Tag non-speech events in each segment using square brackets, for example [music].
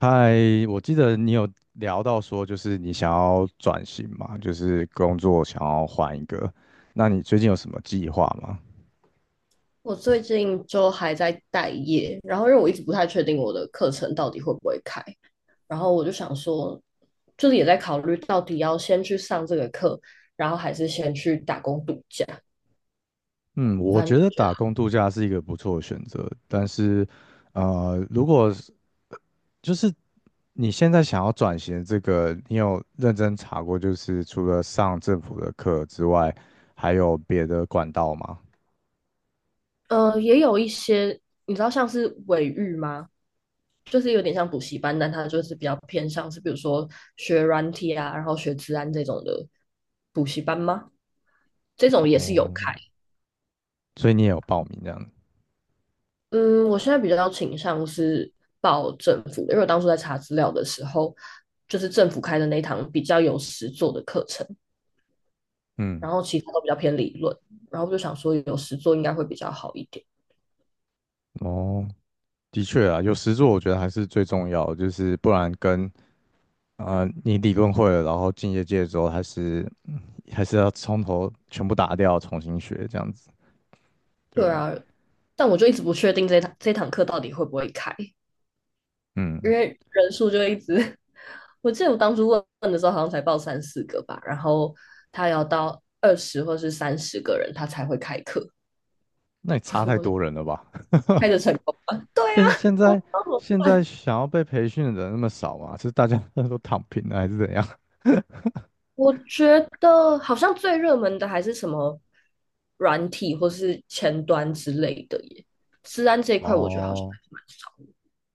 嗨，我记得你有聊到说，就是你想要转型嘛，就是工作想要换一个。那你最近有什么计划吗？我最近就还在待业，然后因为我一直不太确定我的课程到底会不会开，然后我就想说，就是也在考虑到底要先去上这个课，然后还是先去打工度假。嗯，我反正觉就得觉打工度假是一个不错的选择，但是，呃，如果是就是你现在想要转型的这个，你有认真查过，就是除了上政府的课之外，还有别的管道吗？得，也有一些你知道像是尾育吗？就是有点像补习班，但它就是比较偏向是比如说学软体啊，然后学治安这种的补习班吗？这种也是有哦，开。所以你也有报名这样？嗯，我现在比较倾向是报政府的，因为我当初在查资料的时候，就是政府开的那一堂比较有实作的课程，嗯，然后其他都比较偏理论，然后我就想说有实作应该会比较好一点。哦。的确啊，有实作我觉得还是最重要的就是不然跟你理论会了，然后进业界之后还是要从头全部打掉，重新学这样子。对对啊，啊，但我就一直不确定这堂课到底会不会开，因嗯，为人数就一直，[laughs] 我记得我当初问的时候好像才报3、4个吧，然后他要到20或是30个人他才会开课。那也差 [laughs] 太我就多人了吧？[laughs] 开着成功吧。现现 [laughs] 我在现在想要被培训的人那么少嘛？是大家 [laughs] 都躺平了还是怎样？我觉得好像最热门的还是什么软体或是前端之类的耶。治安这 [laughs] 一块，我觉得好像哦，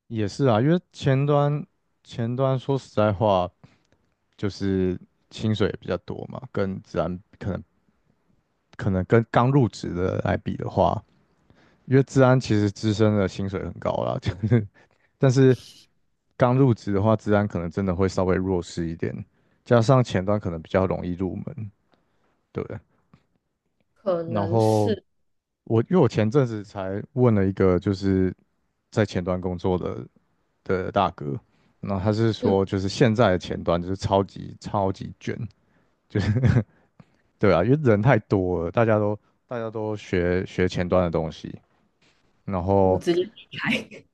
也是啊，因为前端说实在话，就是薪水也比较多嘛，跟自然可能跟刚入职的来比的话。因为治安其实资深的薪水很高啦，[laughs] 就是但是刚入职的话，治安可能真的会稍微弱势一点，加上前端可能比较容易入门，对不对？可然能后是。我因为我前阵子才问了一个就是在前端工作的大哥，然后他是嗯，说就是现在的前端就是超级超级卷，就是 [laughs] 对啊，因为人太多了，大家都学前端的东西，然我后直接离开，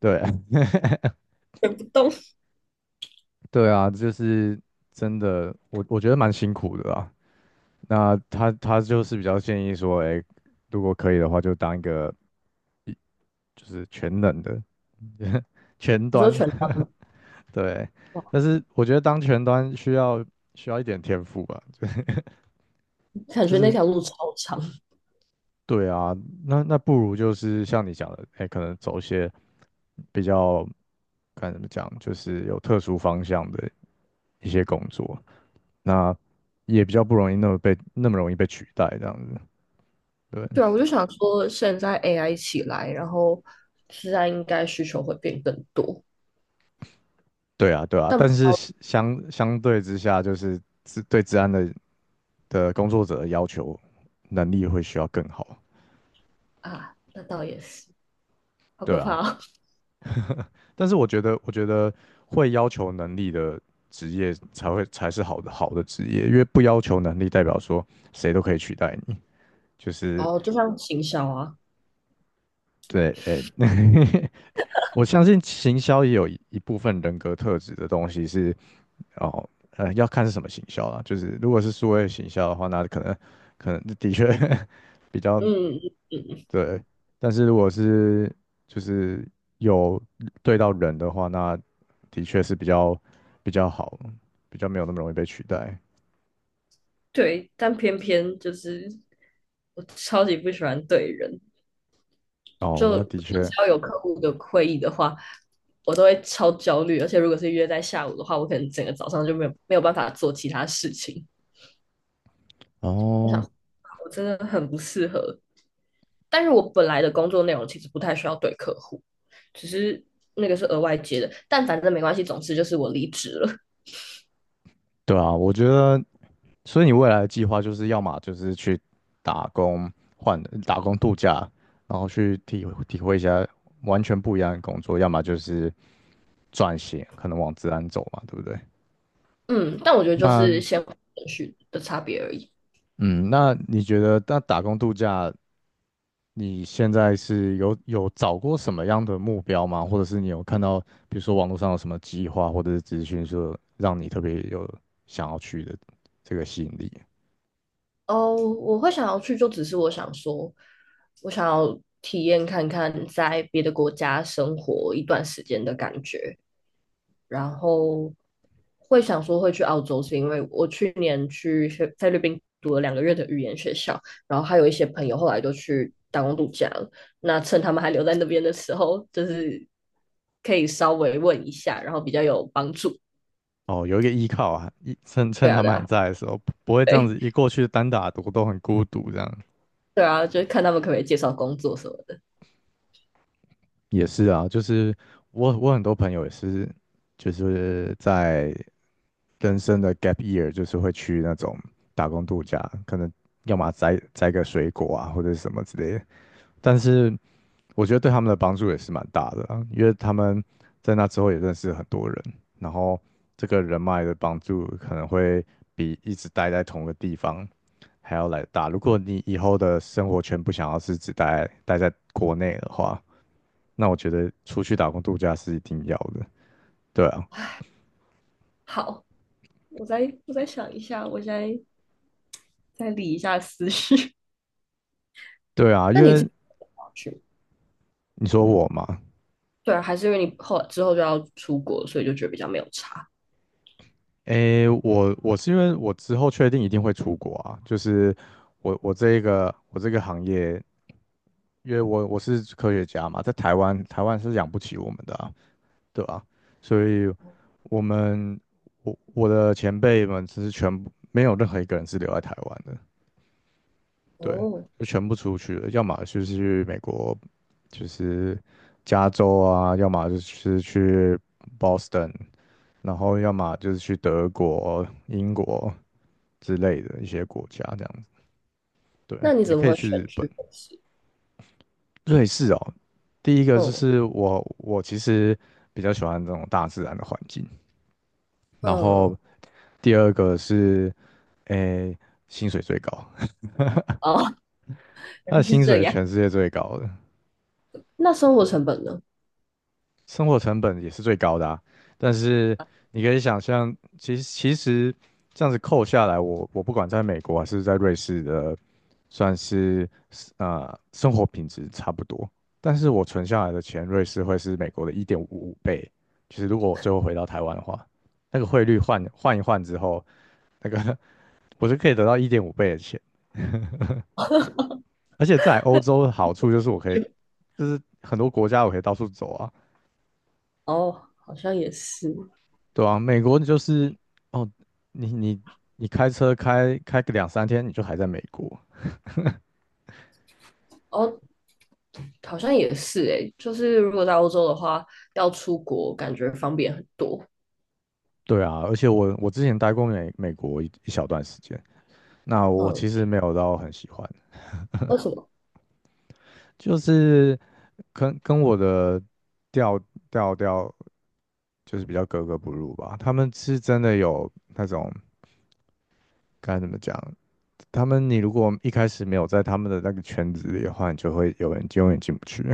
对。[laughs] 动不动。对啊，就是真的，我觉得蛮辛苦的啦。那他就是比较建议说，哎、如果可以的话，就当一个一就是全能的 [laughs] 全你说端，全端吗？[laughs] 对。哇，但是我觉得当全端需要一点天赋吧，[laughs] 就感觉那是条路超长。对啊，那不如就是像你讲的，哎、可能走一些比较该怎么讲，就是有特殊方向的一些工作。那也比较不容易那么容易被取代这样子。[laughs] 对，对啊，我就想说，现在 AI 起来，然后治安应该需求会变更多，对啊，对啊，但不但知是道。相对之下，就是治安的工作者的要求能力会需要更好。啊，那倒也是，好对可啊，怕但是我觉得会要求能力的职业才是好的职业，因为不要求能力代表说谁都可以取代你，就是哦。[laughs] 哦，就像行销啊。对，诶、[laughs] 我相信行销也有一部分人格特质的东西是哦，要看是什么行销啦。就是如果是数位行销的话，那可能的确 [laughs] 比较嗯。对。但是如果是就是有对到人的话，那的确是比较好，比较没有那么容易被取代。对，但偏偏就是我超级不喜欢对人，哦，就那的只确，要有客户的会议的话，我都会超焦虑，而且如果是约在下午的话，我可能整个早上就没有办法做其他事情。我想，哦，我真的很不适合。但是我本来的工作内容其实不太需要对客户，只是那个是额外接的，但反正没关系，总之就是我离职了。对啊，我觉得，所以你未来的计划就是要么就是去打工换打工度假，然后去体会一下完全不一样的工作，要么就是。转型，可能往自然走嘛，对不对？嗯，但我觉得就是那先后顺序的差别而已。嗯，那你觉得那打工度假，你现在是有找过什么样的目标吗？或者是你有看到，比如说网络上有什么计划或者是资讯，说让你特别有想要去的这个吸引力？哦，我会想要去，就只是我想说，我想要体验看看在别的国家生活一段时间的感觉，然后会想说会去澳洲，是因为我去年去菲律宾读了2个月的语言学校，然后还有一些朋友后来都去打工度假了，那趁他们还留在那边的时候，就是可以稍微问一下，然后比较有帮助。哦，有一个依靠啊，趁对啊，他对们还啊，在的时候，不会这样对，子一过去单打独斗很孤独这样。对啊，就是看他们可不可以介绍工作什么的。也是啊，就是我很多朋友也是，就是在人生的 gap year,就是会去那种打工度假，可能要么摘摘个水果啊，或者是什么之类的。但是我觉得对他们的帮助也是蛮大的啊，因为他们在那之后也认识很多人，然后这个人脉的帮助可能会比一直待在同个地方还要来得大。如果你以后的生活圈不想要是只待在国内的话，那我觉得出去打工度假是一定要的。对啊，好。我再我再想一下，我再理一下思绪。[laughs] 对啊，那因你这为去你说我嘛，对啊，还是因为你后之后就要出国，所以就觉得比较没有差。诶，我是因为我之后确定一定会出国啊，就是我这个行业，因为我是科学家嘛，在台湾是养不起我们的啊，对啊，所以我们我的前辈们其实全部没有任何一个人是留在台湾的，对，哦，就全部出去了，要么就是去美国，就是加州啊，要么就是去 Boston,然后要么就是去德国、英国之类的一些国家这样子。对，那你也怎么可以会选去去北市？瑞士哦。第一个就嗯是我其实比较喜欢这种大自然的环境，然后嗯。第二个是，诶，薪水最高，哦，[laughs] [laughs] 原他来的是薪水这是样。全世界最高的。那生活对。成本呢？生活成本也是最高的啊。但是你可以想象，其实这样子扣下来，我不管在美国还是在瑞士的，算是呃生活品质差不多。但是我存下来的钱，瑞士会是美国的一点五倍。就是如果我最后回到台湾的话，那个汇率换一换之后，那个 [laughs] 我就可以得到一点五倍的钱。而且在欧洲的好处就是我可以，就就是很多国家我可以到处走啊。哦，好像也是。对啊，美国就是哦，你你你开车开个两三天，你就还在美国。哦，好像也是诶，就是如果在欧洲的话，要出国感觉方便很多。对啊，而且我之前待过美国一小段时间，那我嗯，其实没有到很喜欢，为什么？就是跟我的调调就是比较格格不入吧。他们是真的有那种该怎么讲，他们你如果一开始没有在他们的那个圈子里的话，你就会有人永远进不去。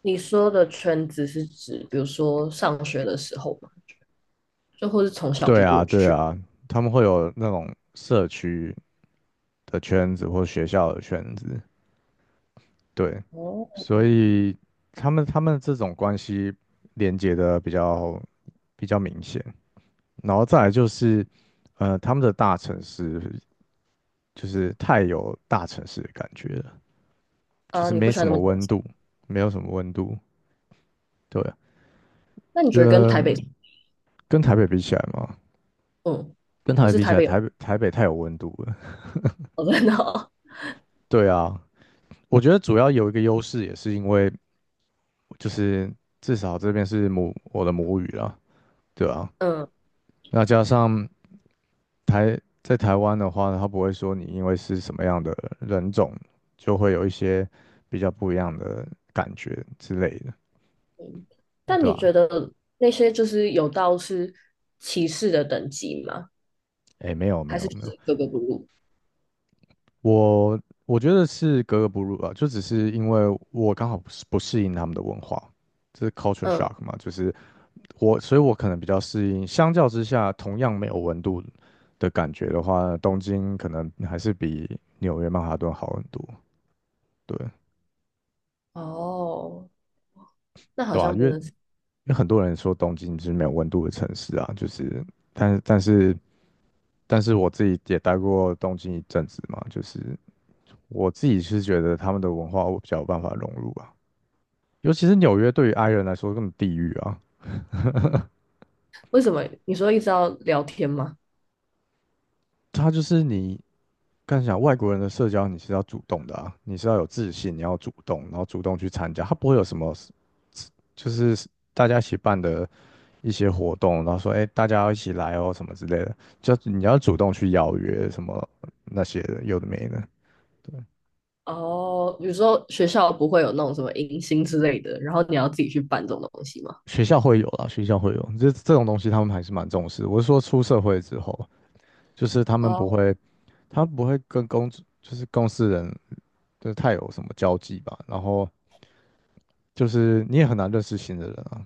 你说的圈子是指，比如说上学的时候嘛，就或是从 [laughs] 小对就啊，过对去。啊，他们会有那种社区的圈子或学校的圈子，对，哦，所以他们这种关系连接的比较明显，然后再来就是，他们的大城市就是太有大城市的感觉了，就啊，是你不没喜欢什那么么城温市？度，没有什么温度，对啊，那你因觉得跟台为北，跟台北比起来嘛，嗯，跟台或北是比起台来，北有台北太有温度了，哦，真哦。对啊，我觉得主要有一个优势也是因为就是至少这边是我的母语啦。对啊，[laughs] 嗯，那加上在台湾的话呢，他不会说你因为是什么样的人种，就会有一些比较不一样的感觉之类的，嗯，但对你吧、觉得那些就是有到是歧视的等级吗？诶，哎，没有，没还是有，就没有，是格格不入？我我觉得是格格不入啊，就只是因为我刚好不适应他们的文化，这是 culture 嗯。shock 嘛，就是我，所以我可能比较适应，相较之下，同样没有温度的感觉的话，东京可能还是比纽约曼哈顿好很多，对。哦，那好对啊，像真因的是为很多人说东京是没有温度的城市啊，就是，但但是但是我自己也待过东京一阵子嘛，就是我自己是觉得他们的文化我比较有办法融入啊，尤其是纽约对于 i 人来说更地狱啊，为什么？你说一直要聊天吗？它就是你刚想外国人的社交你是要主动的啊，你是要有自信，你要主动，然后主动去参加，它不会有什么就是大家一起办的一些活动，然后说哎大家要一起来哦什么之类的，就你要主动去邀约什么那些的，有的没的。对，哦，比如说学校不会有那种什么迎新之类的，然后你要自己去办这种东西吗？学校会有啦，学校会有，这种东西他们还是蛮重视。我是说出社会之后，就是他们不哦，会，他不会跟公，就是公司人，就是太有什么交际吧。然后就是你也很难认识新的人啊，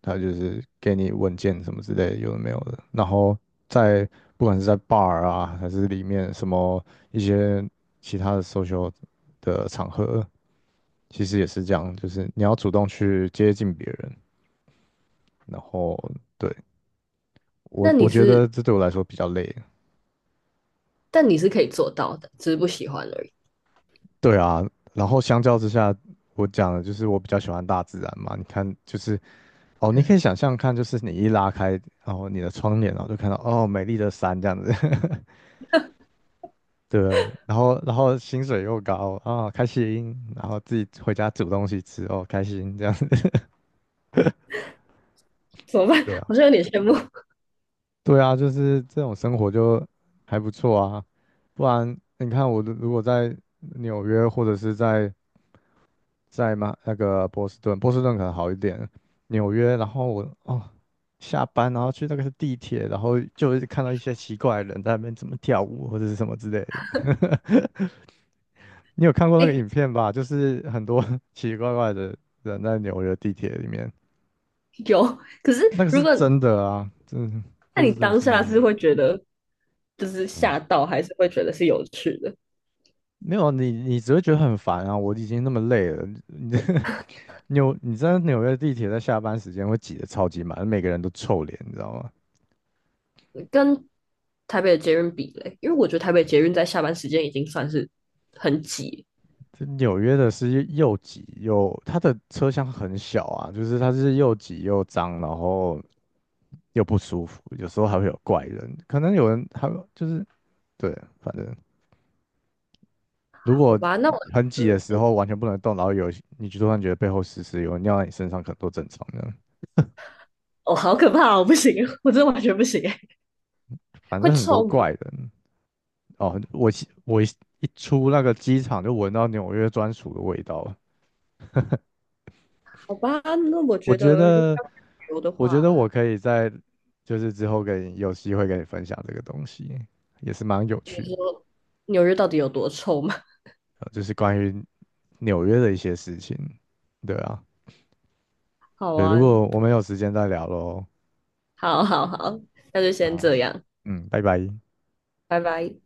他就是给你文件什么之类的，有的没有的。然后在不管是在 bar 啊，还是里面什么一些其他的 social 的场合，其实也是这样，就是你要主动去接近别人。然后对，那你我觉得是，这对我来说比较累。但你是可以做到的，只是不喜欢而已。对啊，然后相较之下，我讲的就是我比较喜欢大自然嘛。你看，就是哦，你可以想象看，就是你一拉开，然后你的窗帘，然后就看到哦美丽的山这样子，[laughs] 对不对，然后薪水又高啊，开心，然后自己回家煮东西吃哦，开心这样子。[laughs] 怎么办？对 [laughs] 好啊，像有点羡慕。对啊，就是这种生活就还不错啊。不然你看我如果在纽约或者是在在吗？那个波士顿，波士顿可能好一点，纽约，然后我哦下班然后去那个地铁，然后就会看到一些奇怪的人在那边怎么跳舞或者是什么之类的。你有看过那个哎，影片吧？就是很多 [laughs] 奇奇怪怪的人在纽约地铁里面，有，可是那个如是果真的啊，真的那就你是真的当是那下是样。会觉得就是吓啊。到，还是会觉得是有趣的？没有你，你只会觉得很烦啊！我已经那么累了，你 [laughs] 你在纽约地铁在下班时间会挤得超级满，每个人都臭脸，你知道吗？跟台北的捷运比嘞，因为我觉得台北捷运在下班时间已经算是很挤。这纽约的是又挤又，它的车厢很小啊，就是它是又挤又脏，然后又不舒服，有时候还会有怪人，可能有人还就是对，反正如好果吧，那我，很挤的时呃，候完全不能动，然后有你就突然觉得背后湿湿，有人尿在你身上，可能都正常的，哦，好可怕哦，不行，我真的完全不行哎，反会正很多臭怪吗？人哦。我一一出那个机场就闻到纽约专属的味道了，好吧，那我我觉觉得如果得。要旅游的我觉得话，我可以在就是之后跟你有机会跟你分享这个东西，也是蛮有趣的，纽约到底有多臭吗？[laughs] 就是关于纽约的一些事情。对啊，好对，如啊，果我们有时间再聊喽。好好好，那就先啊，这样，嗯，拜拜。拜拜。